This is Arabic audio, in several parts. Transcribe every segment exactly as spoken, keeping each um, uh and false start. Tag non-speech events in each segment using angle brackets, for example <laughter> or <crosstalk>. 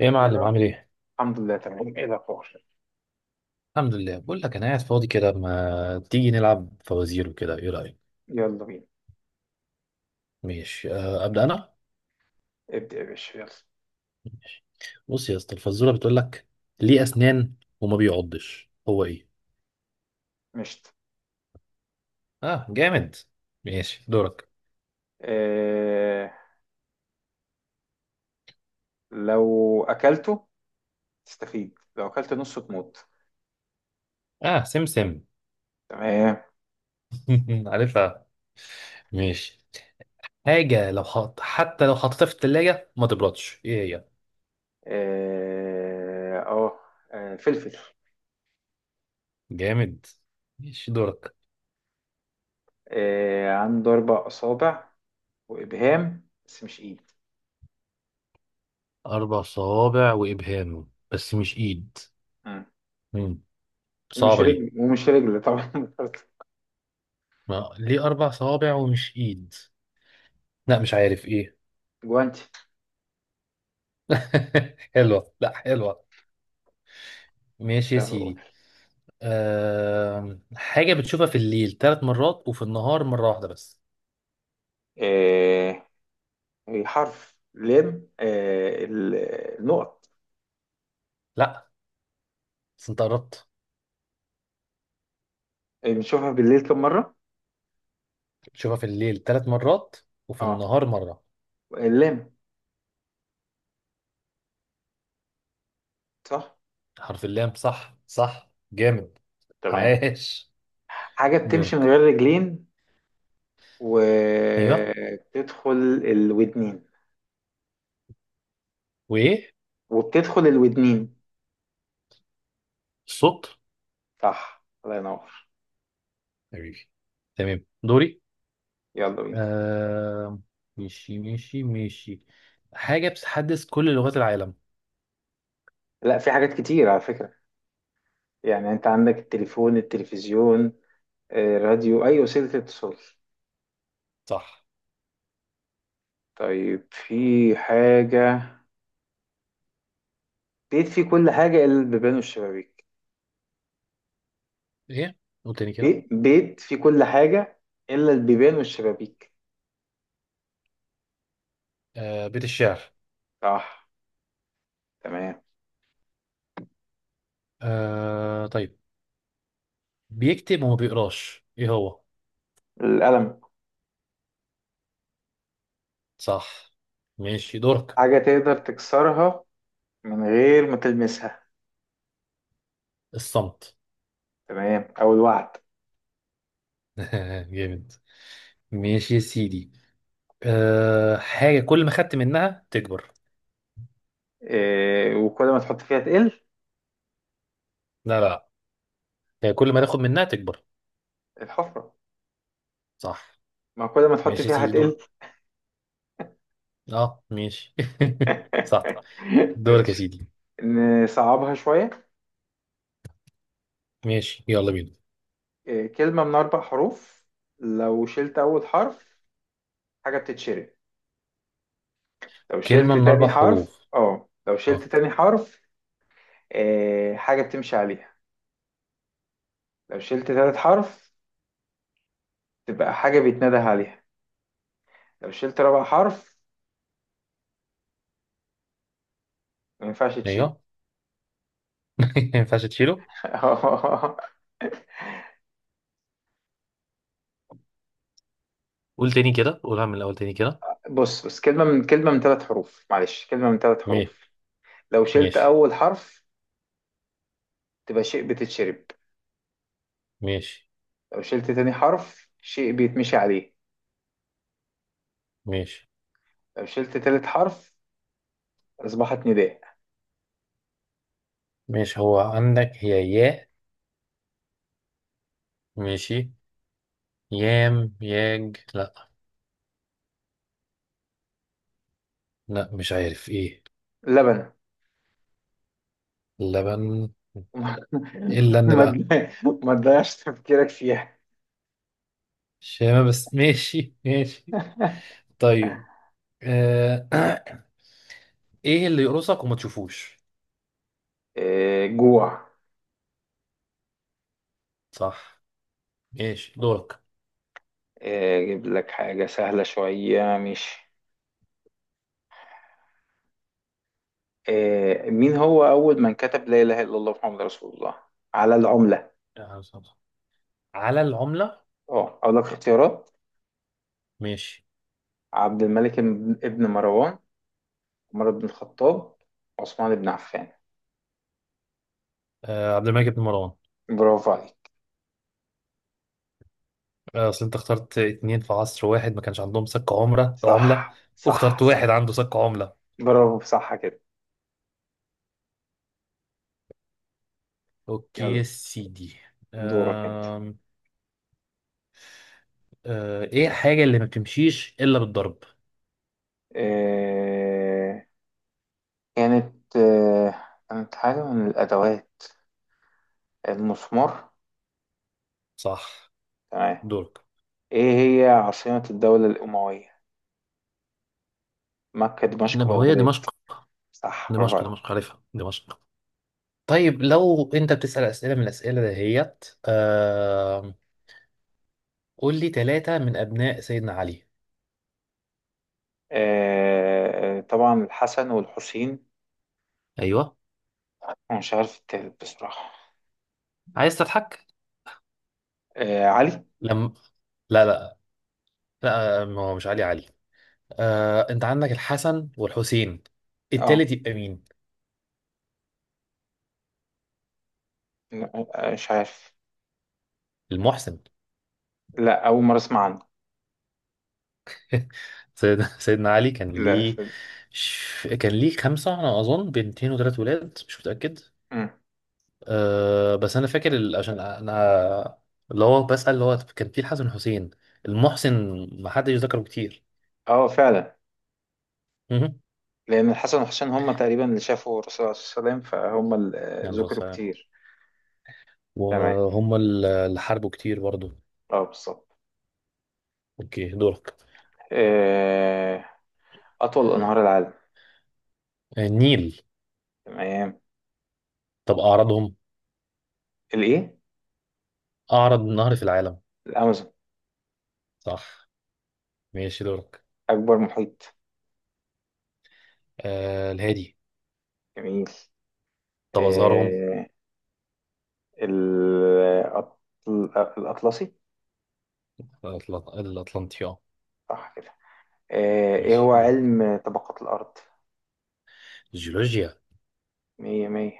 ايه يا معلم، يلا. عامل ايه؟ الحمد لله، تمام. ايه الاخبار؟ الحمد لله، بقول لك انا قاعد فاضي كده، ما تيجي نلعب فوازير وكده، ايه رأيك؟ يلا بينا. ماشي. أه ابدأ انا؟ ابدأ يا باشا، يلا. ماشي. بص يا اسطى، الفزورة بتقول لك: ليه اسنان وما بيعضش، هو ايه؟ مشت. اه، جامد. ماشي، دورك. إيه، لو اكلته تستفيد، لو اكلت نصه تموت. اه، سمسم. تمام. <laughs> عارفها. ماشي. حاجة لو حط حتى لو حطيتها في التلاجة ما تبردش، ايه هي؟ إيه. اه آه، فلفل. جامد. ماشي، دورك. إيه، عنده اربع اصابع وابهام بس مش ايد. أربع صوابع وإبهام بس مش إيد. مم. مم. ومش صعبة دي. رجل ومش رجل طبعا. ما ليه أربع صوابع ومش إيد؟ لا، مش عارف إيه. <laughs> جوانتي. <laughs> حلوة، لا، حلوة. ماشي يا طب قول. سيدي. أم... حاجة بتشوفها في الليل ثلاث مرات، وفي النهار مرة واحدة بس. إيه، هي حرف لام. إيه، ال- النقط. لا، بس أنت قربت. إيه، بنشوفها بالليل كم مرة؟ بتشوفها في الليل ثلاث مرات وفي اه النهار مرة. اللام. صح. حرف اللام، صح، صح، جامد. تمام. عاش. حاجة بتمشي من دورك. غير رجلين أيوه. وبتدخل الودنين وإيه؟ وبتدخل الودنين الصوت. صح، الله ينور. حبيبي. تمام، دوري. يلا بينا. أم... ماشي، ماشي، ماشي. حاجة بتحدث كل لغات العالم. لا، في حاجات كتير على فكرة. يعني انت عندك التليفون، التلفزيون، آه، راديو، اي وسيلة اتصال. صح. طيب، في حاجة. بيت فيه كل حاجة الا البيبان والشبابيك. ايه؟ قول تاني كده. بيت بيت فيه كل حاجة الا البيبان والشبابيك. آه، بيت الشعر. صح. تمام. آه، طيب. بيكتب وما بيقراش، ايه هو؟ القلم. صح. ماشي، دورك. حاجة تقدر تكسرها من غير ما تلمسها. الصمت. تمام، او الوعد. <laughs> جامد. ماشي يا سيدي. آه، حاجة كل ما خدت منها تكبر. إيه، وكل ما تحط فيها تقل. لا، لا. هي كل ما تاخد منها تكبر. الحفرة. صح. ما كل ما تحط ماشي يا فيها سيدي، هتقل. دورك. اه، ماشي. <laughs> صح. <laughs> دورك يا ماشي. سيدي. نصعبها شوية. ماشي، يلا بينا. إيه، كلمة من أربع حروف. لو شلت أول حرف حاجة بتتشرب. لو شلت كلمة من تاني أربع حرف، حروف. اه لو شلت اه. تاني حرف إيه، حاجة بتمشي عليها. لو شلت تالت حرف تبقى حاجة بيتنادى عليها. لو شلت رابع حرف ما ينفعش تشيل. ايوه. <laughs> ما ينفعش تشيله. <laughs> قول تاني كده، قولها من الأول تاني كده. بص بص كلمة من كلمة من ثلاث حروف، معلش. كلمة من ثلاث ماشي. حروف. لو شلت ماشي، أول حرف تبقى شيء بتتشرب. ماشي، لو شلت تاني حرف شيء بيتمشي عليه. ماشي. لو شلت تالت حرف أصبحت نداء. ماشي، هو عندك هي ياء. ماشي. يام، ياج، لا. لا، مش عارف ايه. لبن. لبن. ايه <laughs> اللن ما بقى؟ تضيع- ما تضيعش تفكيرك فيها. شامة بس. <laughs> ماشي، ماشي. طيب. آه. <clears throat> ايه اللي يقرصك وما تشوفوش؟ آه، جوع. صح. ماشي، دورك. آه، أجيب لك حاجة سهلة شوية، مش آه، مين هو أول من كتب لا إله إلا الله محمد رسول الله على العملة؟ آه، صح. على العملة. اه أقول لك اختيارات. ماشي. عبد الملك ابن ابن مروان، عمر بن الخطاب، عثمان بن عفان. آه. عبد الملك بن مروان. برافو عليك. آه، اصل انت اخترت اتنين في عصر واحد ما كانش عندهم سك عمرة عملة، صح صح واخترت واحد صح، عنده سك عملة. برافو. صح كده. اوكي يلا. يا سيدي. دورك انت. أم... أه... ايه الحاجة اللي ما بتمشيش الا بالضرب؟ آه كانت آه كانت حاجة من الأدوات. المسمار. صح. تمام. دورك. ايه، هي عاصمة الدولة الأموية؟ مكة، دمشق، انما هو هي بغداد. دمشق. صح، برافو دمشق، دمشق، عليك. عارفها دمشق. طيب لو انت بتسأل اسئلة من الاسئلة دهيت. أم... قول لي ثلاثة من ابناء سيدنا علي. آه طبعا الحسن والحسين. ايوه. أنا مش عارف التالت بصراحة. عايز تضحك؟ آه علي. لم. لا، لا. لا، ما هو مش علي علي. أه... انت عندك الحسن والحسين، اه التالت يبقى مين؟ لا، مش عارف. المحسن. لا، أول مرة أسمع عنه. <laughs> سيد- سيدنا علي كان لا. ليه ش- كان ليه خمسة، أنا أظن بنتين وثلاث ولاد، مش متأكد. مم. أه، بس أنا فاكر ال- عشان أنا اللي هو بسأل، اللي هو كان في الحسن والحسين، المحسن، ما حدش ذكره كتير. اه، فعلا. مهم. لان الحسن والحسين هم تقريبا اللي شافوا الرسول عليه الصلاه والسلام، فهم اللي آه، يعني بس- ذكروا كتير. تمام. وهم ال- اللي حاربوا كتير برضه. اه، بالظبط. أوكي، دورك. آه، اطول انهار العالم. آه، النيل. تمام. طب أعرضهم؟ الايه؟ أعرض نهر في العالم؟ الامازون. صح. ماشي، دورك. اكبر محيط. أه، الهادي. جميل. طب أصغرهم؟ آه، ال- الأطل- الاطلسي. الأطل- الأطلنطي، أه. صح كده. آه، ايه ماشي، هو دورك. علم طبقات الارض؟ جيولوجيا. مية مية.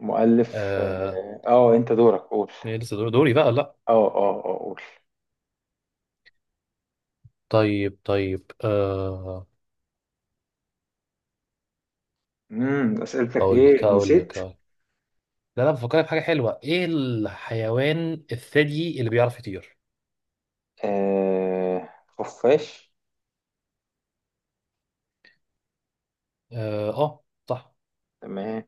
مؤلف آه. اه آه، انت دورك، قول. إيه، لسه دور- دوري بقى، لا. اه اه اه قول. طيب، طيب، آه. امم اسئلتك اقول لك ايه، اقول نسيت. لك أقول لك. لا، انا بفكرك بحاجه حلوه، ايه الحيوان الثدي اللي بيعرف يطير؟ آه خفاش. اه، آه، صح. تمام.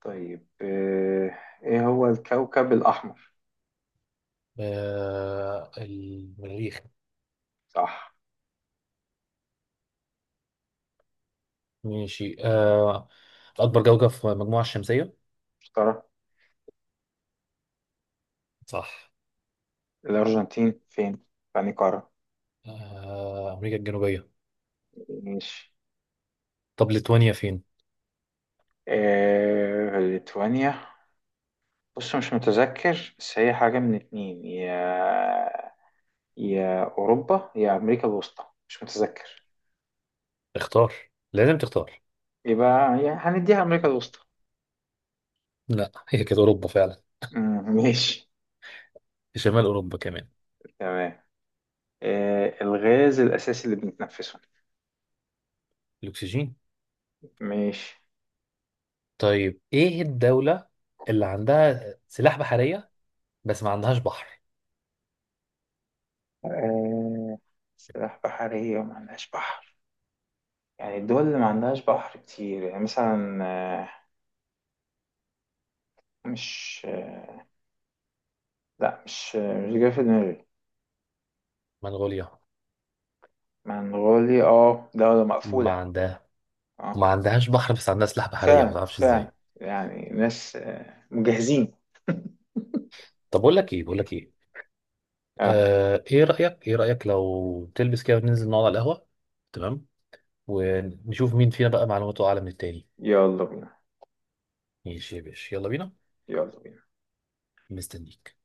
طيب. آه ايه هو الكوكب الأحمر؟ آه، المريخ. صح. ماشي، آه. اكبر كوكب في المجموعه الشمسيه؟ اشترى. صح. الأرجنتين فين؟ يعني قارة. آه، امريكا الجنوبيه. ماشي. طب ليتوانيا فين؟ آه ليتوانيا، بص مش متذكر بس هي حاجة من اتنين، يا يا أوروبا يا أمريكا الوسطى، مش متذكر. اختار. لازم تختار. يبقى يعني هنديها أمريكا الوسطى. لا، هي كانت اوروبا فعلا. مم، ماشي. في شمال اوروبا كمان. تمام. آه الغاز الأساسي اللي بنتنفسه. الاكسجين. ماشي. طيب، ايه الدولة اللي عندها سلاح بحرية بس ما عندهاش بحر؟ آه، سلاح بحرية وما عندهاش بحر؟ يعني الدول اللي ما عندهاش بحر كتير، يعني مثلا آه، مش آه، لا مش آه، مش جاي في دماغي. منغوليا. منغوليا، اه دولة ما مقفولة. عندها؟ اه وما عندهاش بحر، بس عندها سلاح بحرية، ما فعلا تعرفش فعلا، ازاي. يعني ناس آه، مجهزين. طب بقول لك ايه بقول لك ايه. اه، آه، ايه رأيك ايه رأيك لو تلبس كده وننزل نقعد على القهوة؟ تمام. ونشوف مين فينا بقى معلوماته اعلى من التاني. يلا بينا. ماشي يا باشا، يلا بينا. يلا بينا. مستنيك.